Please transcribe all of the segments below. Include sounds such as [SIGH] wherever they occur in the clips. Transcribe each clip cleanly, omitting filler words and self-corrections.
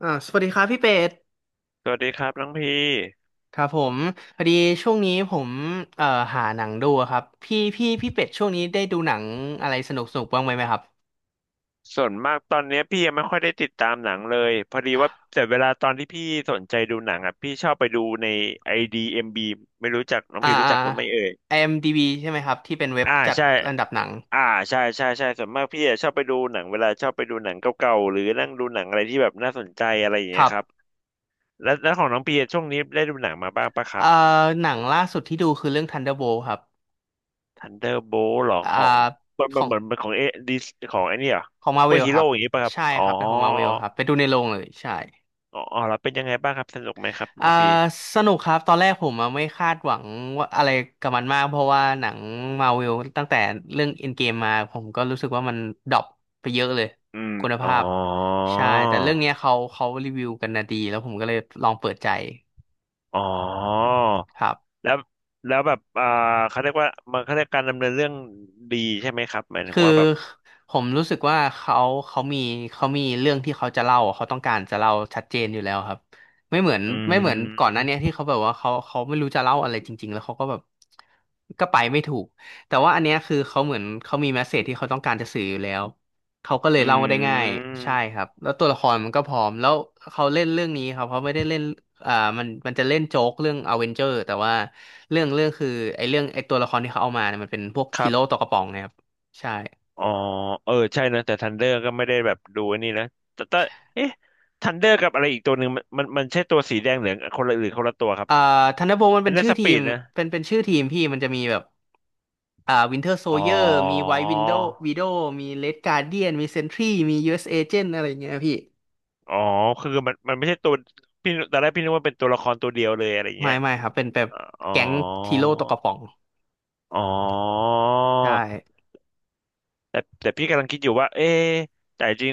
สวัสดีครับพี่เป็ดสวัสดีครับน้องพี่ครับผมพอดีช่วงนี้ผมเอ่อหาหนังดูอะครับพี่เป็ดช่วงนี้ได้ดูหนังอะไรสนุกบ้างไหมครับส่วนมากตอนเนี้ยพี่ยังไม่ค่อยได้ติดตามหนังเลยพอดีครัว่าบแต่เวลาตอนที่พี่สนใจดูหนังอ่ะพี่ชอบไปดูใน IDMB ไม่รู้จักน้องอ่าพี่รู้อ่า จักหรือไม่เอ่ย IMDb ใช่ไหมครับที่เป็นเว็บอ่าจัดใช่อันดับหนังอ่าใช่ใช่ใช่ส่วนมากพี่อะชอบไปดูหนังเวลาชอบไปดูหนังเก่าๆหรือนั่งดูหนังอะไรที่แบบน่าสนใจอะไรอย่างคเงี้ยรับครับแล้วแล้วของน้องพี่อะช่วงนี้ได้ดูหนังมาบ้างปะครัเอ่บ หนังล่าสุดที่ดูคือเรื่อง Thunderbolt ครับ Thunderbolt หรออ่าของเหมือนของเหมือนเหมือนของเอดิของไอ้นี่เหรอของ ซูเปอร์ Marvel ฮีคโร่รับอย่างงี้ปะครับใช่อ๋อ ครับเป็นของ Marvel ครับไปดูในโรงเลยใช่ อ๋ออ๋อแล้วเป็นยังไงบ้างครับสนุกไหมครับอ่าน้องบีสนุกครับตอนแรกผมอะไม่คาดหวังว่าอะไรกับมันมากเพราะว่าหนังมาวิลตั้งแต่เรื่องเอ็นเกมมาผมก็รู้สึกว่ามันดรอปไปเยอะเลยอืมคุณอ๋อภาพใช่แต่เรื่องเนี้ยเขารีวิวกันนะดีแล้วผมก็เลยลองเปิดใจอ๋อครับ แล้วแล้วแบบเขาเรียกว่ามันเขาเรียกการดำเนินเรื่องดีใช่ไหมครับหมายถึงคือว่าแบบผมรู้สึกว่าเขามีเขามีเรื่องที่เขาจะเล่าอะเขาต้องการจะเล่าชัดเจนอยู่แล้วครับไม่เหมือนอืไม่เหมือนก่อนหมน้าเนี้ยที่เขาแบบว่าเขาไม่รู้จะเล่าอะไรจริงๆแล้วเขาก็แบบก็ไปไม่ถูกแต่ว่าอันเนี้ยคือเขาเหมือนเขามีเมสเสจที่เขาต้องการจะสื่ออยู่แล้วเขาก็เลยอืเล่าได้ง่ายใช่มครับแล้วตัวละครมันก็พร้อมแล้วเขาเล่นเรื่องนี้ครับเขาไม่ได้เล่นอ่ามันจะเล่นโจ๊กเรื่องอเวนเจอร์แต่ว่าเรื่องคือไอ้เรื่องไอ้ตัวละครที่เขาเอามาเนี่ยมันเป็นพวกคฮีรัโร่บตวกระป๋องนะครับใช่ อ๋อเออใช่นะแต่ทันเดอร์ก็ไม่ได้แบบดูไอ้นี่นะแต่แต่เอ๊ะทันเดอร์กับอะไรอีกตัวหนึ่งมันใช่ตัวสีแดงเหลืองคนละหรือคนละตัวครับอ่าธันเดอร์โบมันอันเป็นนี้นชื่อสทีปีมดนะเป็นชื่อทีมพี่มันจะมีแบบวินเทอร์โซอ๋อ เยอร์มีไวท์วินโดวีโดมีเลดการ์เดียนมีเซนทรีมียูเอสเอเจนอะไรเงี้ยพี่อ๋อคือมันไม่ใช่ตัวพี่ตอนแรกพี่นึกว่าเป็นตัวละครตัวเดียวเลยอะไรอย่างไม่เงี้ยไม่ครับเป็นแบบอ๋อแก๊งทีโร่ตกกระป๋องอ๋อใช่แต่แต่พี่กำลังคิดอยู่ว่าเอ๊ะแต่จริง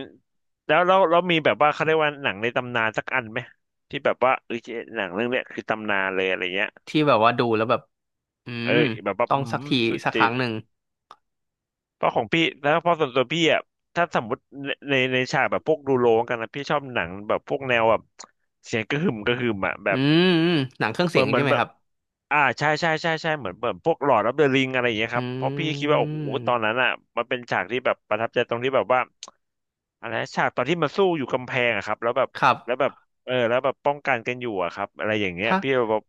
แล้วเราเรามีแบบว่าเขาเรียกว่าหนังในตำนานสักอันไหมที่แบบว่าเออหนังเรื่องเนี้ยคือตำนานเลยอะไรเงี้ยที่แบบว่าดูแล้วแบบอืเอมอแบบว่าต้ออืงมสักทีสุดสักคจิรั้ตงหนึ่งเพราะของพี่แล้วเพราะส่วนตัวพี่อ่ะถ้าสมมติในในในฉากแบบพวกดูโรงกันนะพี่ชอบหนังแบบพวกแนวแบบเสียงกระหึ่มกระหึ่มอ่ะแบอืบมอืมหนังเครื่องเหเสีมืยองนเหมืใช่อนไหมแบคบ รับอ่าใช่ใช่ใช่ใช่เหมือนเหมือนพวกหลอดออฟเดอะริงอะไรอย่างเงี้ยอครับเพราะพี่ืคิดว่าโอ้โหตอนมนั้นอ่ะมันเป็นฉากที่แบบประทับใจตรงที่แบบว่าอะไรนะฉากตอนที่มันสู้อยู่กำแพงอะครับแล้วแบบครัแล้วแบบบเออแล้วแบบป้องกันกันอยู่อะครับอะไรอย่างเงี้ยถ้าพี่แบบ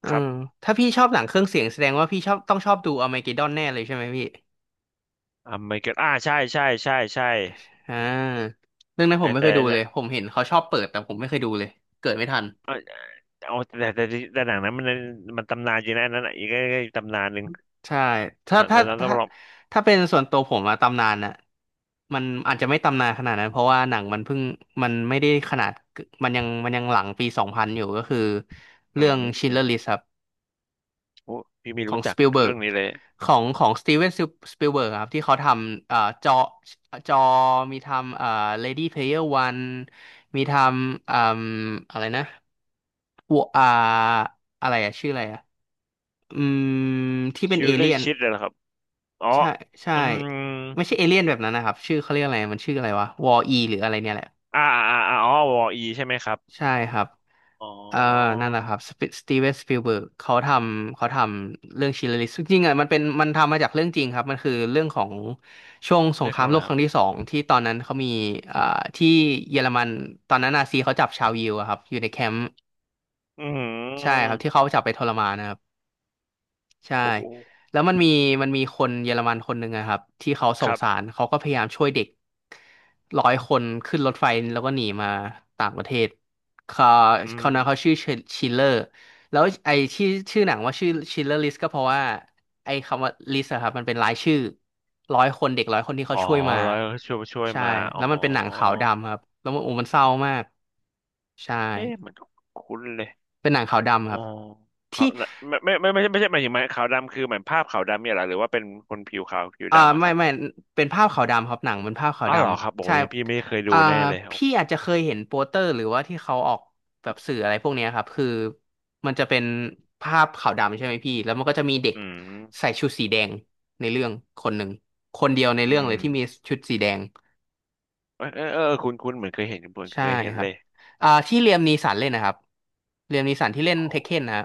เออครับถ้าพี่ชอบหนังเครื่องเสียงแสดงว่าพี่ชอบต้องชอบดูอ r m ม g e ก d ดอนแน่เลยใช่ไหมพี่ อ่าไม่เกิดอ่าใช่ใช่ใช่ใช่อ่าเรื่องนั้นผไอ้มไม่เคแต่ยดูเลน่ะยผมเห็นเขาชอบเปิดแต่ผมไม่เคยดูเลยเกิดไม่ทันเออเอาแต่หนังนั้นมันมันตำนานจริงนะอันนั้นอะอีกก็ตำนานหนึ่งใช่ถ้าแล้วถ้าแล้วต้ถ้าองลองถ้าเป็นส่วนตัวผมอะตำนานอะมันอาจจะไม่ตำนานขนาดนั้นเพราะว่าหนังมันเพิ่งมันไม่ได้ขนาดมันยังหลังปีสองพันอยู่ก็คืออืเรื่อง s c h i n อ l e r ม List ครับ โอ้พี่ไม่ขอรู้งจัสกปิลเบิร์เรื่กองนี้เลยของสตีเวนสปิลเบิร์กครับที่เขาทำจอจอมีทำLady Player One มีทำอ่มอะไรนะวัวอะไรอะชื่ออะไรอะอืมที่เป็นชิเอลเลอเลี่ยร์นชิดเลยเหรอครับอ๋อใช่ใช่อืม ไม่ใช่เอเลี่ยนแบบนั้นนะครับชื่อเขาเรียกอะไรมันชื่ออะไรวะวอ e หรืออะไรเนี่ยแหละอ่าอ่าอ่าอ๋อวออีใช่ไหมครับใช่อ๋อครับ อ๋อเอ่อนั่นแหละครับสปสตีเวนสปิลเบิร์กเขาทำเขาทำเรื่องชิลลิส จริงๆอ่ะมันเป็นมันทำมาจากเรื่องจริงครับ มันคือเรื่องของช่วงสเรีงยคกรามอะไรโลกคครัรั้งที่บสองที่ตอนนั้นเขามีเอ่อที่เยอรมันตอนนั้นนาซีเขาจับชาวยิวอะครับ อยู่ในแคมป์อืใช่คมรับที่เขาจับไปทรมานนะครับ ใช่โอ้โหแล้วมันมีมันมีคนเยอรมันคนหนึ่งอะครับที่เขาสคงรับสารเขาก็พยายามช่วยเด็กร้อยคนขึ้นรถไฟแล้วก็หนีมาต่างประเทศเขาอืมเขานะเขาชื่อชิลเลอร์แล้วไอ้ที่ชื่อหนังว่าชื่อชิลเลอร์ลิสก็เพราะว่าไอ้คำว่าลิสอะครับมันเป็นรายชื่อร้อยคนเด็กร้อยคนที่เขาอ๋อช่วยมาร้อยช่วยช่วยใช่มาอ๋แล้อวมันเป็นหนังขาวดำครับแล้วมันโอ้มันเศร้ามากใช่เอ๊ะเหมันคุ้นเลยเป็นหนังขาวดำอ๋คอรับเขาวที่ ไม่ใช่ไม่ใช่หมายถึงไหมขาวดำคือเหมือนภาพขาวดำเนี่ยเหรอหรือว่าเป็นคนผิวขาวผิวดำอะคไม่รับไม่เป็นภาพขาวดำครับหนังเป็นภาพขาวอ้าดวเหรอครับำโอ้ใช่ยพี่ไม่เคยดูอ่าแน่เลยโอพี่อาจจะเคยเห็นโปสเตอร์หรือว่าที่เขาออกแบบสื่ออะไรพวกเนี้ยครับคือมันจะเป็นภาพขาวดำใช่ไหมพี่แล้วมันก็จะมีเด็กอืมใส่ชุดสีแดงในเรื่องคนหนึ่งคนเดียวในอืเรื่องเลมยที่มีชุดสีแดงเออเออเออคุณคุณเหมือนเคยเห็นเหมือนใช่เคยเห็นครัเลบยที่เลียมนีสันเล่นนะครับเลียมนีสันที่เล่นโอเทคเคน้ นะฮะ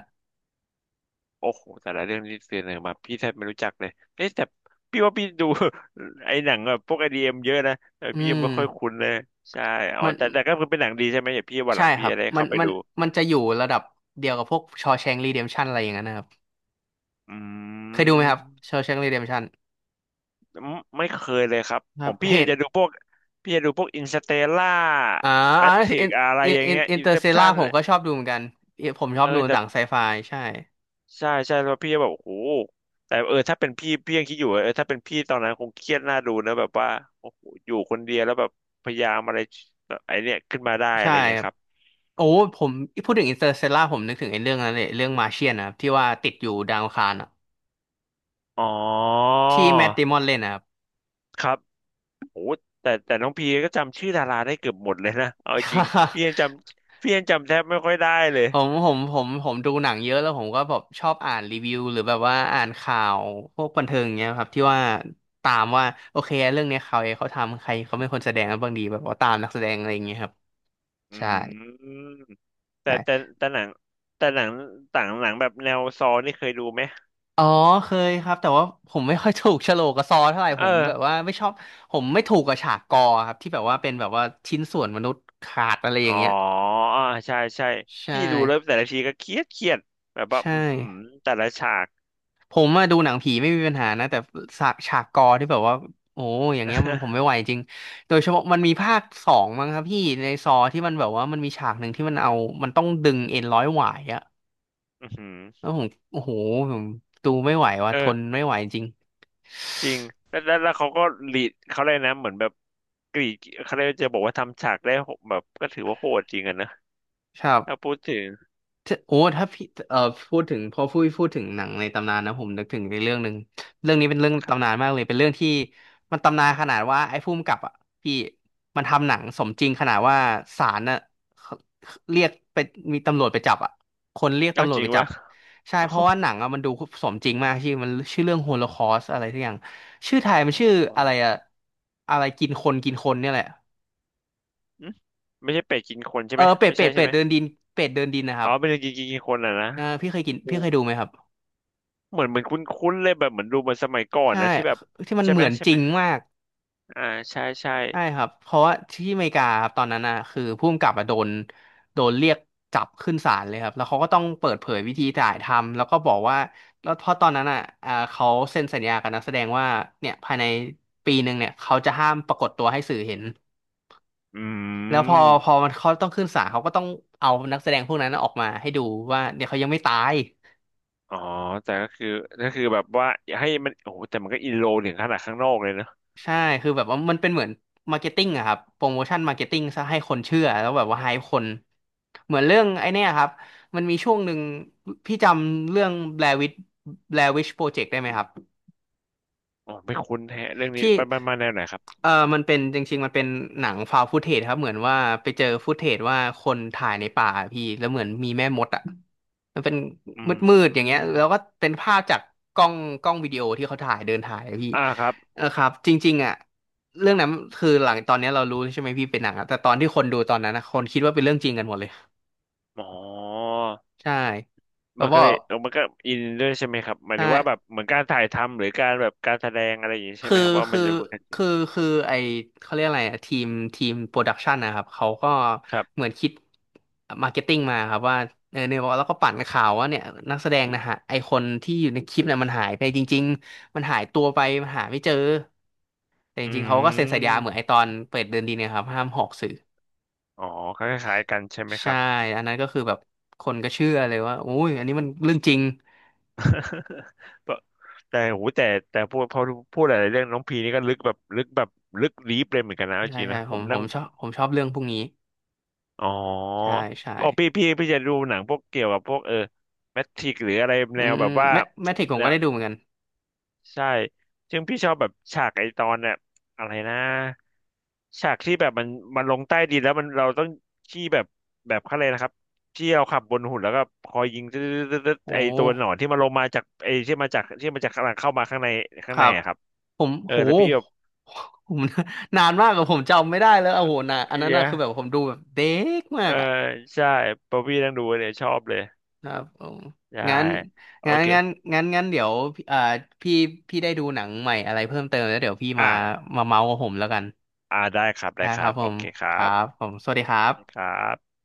โอ้โหแต่ละเรื่องที่เสนอมาพี่แทบไม่รู้จักเลยเอ๊ะแต่พี่ว่าพี่ดู [LAUGHS] ไอ้หนังแบบพวกไอดีเอ็มเยอะนะแต่อืพี่ยังมไม่ค่อยคุ้นเลยใช่อ๋อมันแต่แต่ก็คือเป็นหนังดีใช่ไหมเดี๋ยวพี่วันหใช่ลังคพี่รับจะได้มัเข้านไปมันดูมันจะอยู่ระดับเดียวกับพวกชอแชงรีเดมชันอะไรอย่างนั้นนะครับ อืเคยดูไหมครับเชมว์แชงกรีเดมชันไม่เคยเลยครับคผรับมพี่เหตุจะดูพวกพี่จะดูพวกอินสเตล่าอ่าแมอาทริอิกนอะไรอินอย่างอินเงี้ยอินอิเตนอเซร์เซปล่าชั่นผมก็ชอบดูเหมือนกันผมชอเอบอดูหแต่ นังไซไฟใช่ใช่ใช่แล้วพี่ก็แบบโอ้โหแต่เออถ้าเป็นพี่พี่ยังคิดอยู่ว่าเออถ้าเป็นพี่ตอนนั้นคงเครียดน่าดูนะแบบว่าโอ้โหอยู่คนเดียวแล้วแบบพยายามอะไรแบบไอเนี่ยขึ้นมาได้อะใช่ไรอย่างเงี้คยรับครับโอ้ผมพูดถึงอินเตอร์เซล่าผมนึกถึงไอ้เรื่องนั้นเลยเรื่องมาเชียนนะครับที่ว่าติดอยู่ดาวอังคารอะอ๋อที่แมท ดมอนเล่นนะครับ ครับโอ้แต่แต่น้องพีก็จำชื่อดาราได้เกือบหมดเลยนะเอาจริงพี่ [LAUGHS] ยังจำพี่ยังจำแทบไม่ค่อยได้เลยผมดูหนังเยอะแล้วผมก็แบบชอบอ่านรีวิวหรือแบบว่าอ่านข่าวพวกบันเทิงอย่างเงี้ยครับที่ว่าตามว่าโอเคเรื่องเนี้ยเขาเองเขาทำใครเขาเป็นคนแสดงกันบ้างดีแบบว่าตามนักแสดงอะไรอย่างเงี้ยครับ อืใช่มแต่แต่ใช่แต่หนังแต่หนังต่างหนังแบบแนวซอนี่เคยดูไหมอ๋อเคยครับแต่ว่าผมไม่ค่อยถูกโฉลกกับซอเท่าไหร่เอผอ มแบบว่าไม่ชอบผมไม่ถูกกับฉากกอครับที่แบบว่าเป็นแบบว่าชิ้นส่วนมนุษย์ขาดอะไรออ๋อย่างเงี้ยอ่าใช่ใช่ใช่พี่ดูแล้วแต่ละทีก็เครียดเครียดแบบว่าใช่อือหือแต่ละฉาก ผมมาดูหนังผีไม่มีปัญหานะแต่ฉากกอที่แบบว่าโอ้อย่างเงี้ยมันผมไม่ [LAUGHS] ไหวจริงโดยเฉพาะมันมีภาคสองมั้งครับพี่ในซอที่มันแบบว่ามันมีฉากหนึ่งที่มันเอามันต้องดึงเอ็นร้อยหวายอะอือหือแล้วผมโอ้โหผมดูไม่ไหวว่ะเอทอนไม่ไหวจริงจริงแล้วเขาก็รีดเขาเลยกนะเหมือนแบบกรีดเขาเลยกจะบอกว่าทำฉากได้โหแบบก็ถือว่าโหดจริงอะนะครับ ถ้าพูดถึงถ้าโอ้ถ้าพี่พูดถึงพอพูดถึงหนังในตำนานนะผมนึกถึงในเรื่องหนึ่งเรื่องนี้เป็นเรื่องครัตำนานบมากเลยเป็นเรื่องที่มันตำนานขนาดว่าไอ้ผู้กำกับอ่ะพี่มันทำหนังสมจริงขนาดว่าศาลน่ะเขาเรียกไปมีตำรวจไปจับอ่ะคนเรียกเอาตำรวจจริไปงจัวะ บใช่ [LAUGHS] โอ้เพโหราะว่าหนังอ่ะมันดูสมจริงมากชื่อมันชื่อเรื่องโฮโลคอสอะไรทุกอย่างชื่อไทยมัขนองชื่อละคอะรไรอ่ะอะไรกินคนกินคนเนี่ยแหละอืมไม่ใช่เป็ดกินคนใช่เอไหมอเป็ดไม่เป็ใช่ดใช่เป็ดไหมเดินดินเป็ดเดินดินนะครัอ๋อบเป็นกินกินกินคนอ่ะนะเออพี่เคยกินโอ้พี่เคยดูไหมครับ เหมือนเหมือนคุ้นๆเลยแบบเหมือนดูมันสมัยก่อนใช่นะที่แบบที่มันใช่เหไหมมือนใช่จไหริมงมากอ่าใช่ใช่ ใช่ครับเพราะว่าที่อเมริกาครับตอนนั้นนะคือผู้กำกับอะโดนโดนเรียกจับขึ้นศาลเลยครับแล้วเขาก็ต้องเปิดเผยวิธีถ่ายทำแล้วก็บอกว่าแล้วเพราะตอนนั้นอ่ะเขาเซ็นสัญญากับนักแสดงว่าเนี่ยภายในปีหนึ่งเนี่ยเขาจะห้ามปรากฏตัวให้สื่อเห็นอืแล้วพอมมันเขาต้องขึ้นศาลเขาก็ต้องเอานักแสดงพวกนั้นออกมาให้ดูว่าเนี่ยเขายังไม่ตาย อ๋อแต่ก็คือก็คือแบบว่าอยให้มันโอ้โหแต่มันก็อินโลถึงขนาดข้างนอกเลยเนอะใช่คือแบบว่ามันเป็นเหมือนมาร์เก็ตติ้งอะครับโปรโมชั่นมาร์เก็ตติ้งซะให้คนเชื่อ แล้วแบบว่าไฮป์คนเหมือนเรื่องไอ้เนี่ยครับ มันมีช่วงหนึ่งพี่จำเรื่อง Blair Witch Blair Witch Project ได้ไหมครับ อ๋อไม่คุ้นแฮะเรื่องนี้ที่ไปไปมาแนวไหนครับเออมันเป็นจริงๆมันเป็นหนังฟาวฟ ตเทจครับเหมือนว่าไปเจอฟุตเทจว่าคนถ่ายในป่าพี่แล้วเหมือนมีแม่มดอ่ะมันเป็นอืมืดๆอย่างเงี้ยมแล้วก็เป็นภาพจากกล้องกล้องวิดีโอที่เขาถ่ายเดินถ่ายอะพี่อ่าครับเออครับจริงๆอ่ะเรื่องนั้นคือหลังตอนเนี้ยเรารู้ใช่ไหมพี่เป็นหนังอะแต่ตอนที่คนดูตอนนั้นนะคนคิดว่าเป็นเรื่องจริงกันหมดเลยอ๋อใช่แล้วมันก็ก็เลยอมันก็อินด้วยใช่ไหมครับหมายใช่ ถึงว่าแบบเหมือนการถ่ายทำหรือการแบบการแสดงอะไรอย่างนี้ใช่ไหคือมครับว่ามัคืนอจะเป็นกันจริงคือคือไอเขาเรียกอะไรอะทีมทีมโปรดักชันนะครับเขาก็ครับเหมือนคิดมาร์เก็ตติ้งมาครับว่าเออเนี่ยแล้วก็ปั่นข่าวว่าเนี่ยนักแสดงนะฮะไอคนที่อยู่ในคลิปเนี่ยมันหายไปจริงๆมันหายตัวไปมันหาไม่เจอแต่จอืริงๆเขาก็เซ็นสัญญาเหมือนไอมตอนเปิดเดินดีเนี่ยครับห้ามหอกสื่ออ๋อคล้ายๆกันใช่ไหมคใช่รับ อันนั้นก็คือแบบคนก็เชื่อเลยว่าออ้ยอันนี้มันเรื่องจริง [LAUGHS] ก็แต่โหแต่แต่พูดพอพูดหลายๆเรื่องน้องพีนี่ก็ลึกแบบลึกแบบลึกลีฟเลยเหมือนกันนะเอาใช่จริงใช่นะผผมมผนั่งมชอบผมชอบเรื่องพวกนี้อ๋อใช่ใช่อ๋อพี่จะดูหนังพวกเกี่ยวกับพวกเออแมทริกหรืออะไรอืแนมวอืแบมบว่าแมทริกผมแนก็ว ได้ดูเหมือนกันใช่ซึ่งพี่ชอบแบบฉากไอตอนเนี่ยอะไรนะฉากที่แบบมันมันลงใต้ดินแล้วมันเราต้องที่แบบแบบเขาเลยกอะไรนะครับที่เราขับบนหุ่นแล้วก็คอยยิงตึ๊ดๆๆโอๆไอตัวหนอน้ ที่มันลงมาจากไอที่มาจากที่มันจากข้างหลังเข้ามาข้างในข้าคงในรับอะครับผมเออโหแล้วพี่แบบผม [LAUGHS] นานมากอะผมจำไม่ได้แล้วโอ้โหนะอันนั้นเยอะอะคือแบบผมดูแบบเด็กมาเออกอะใช่พอพี่นั่งดูเนี่ยชอบเลยครับผมใช่งั้นโองั้นเคงั้นงั้นเดี๋ยวเอ่อพี่พี่ได้ดูหนังใหม่อะไรเพิ่มเติมแล้วเดี๋ยวพี่มาอ่ะมาเมาส์กับผมแล้วกันอ่ะได้ครับได้นะคครัรับบผโอมเคครัครับบผมสวัสดีครั้คบรับ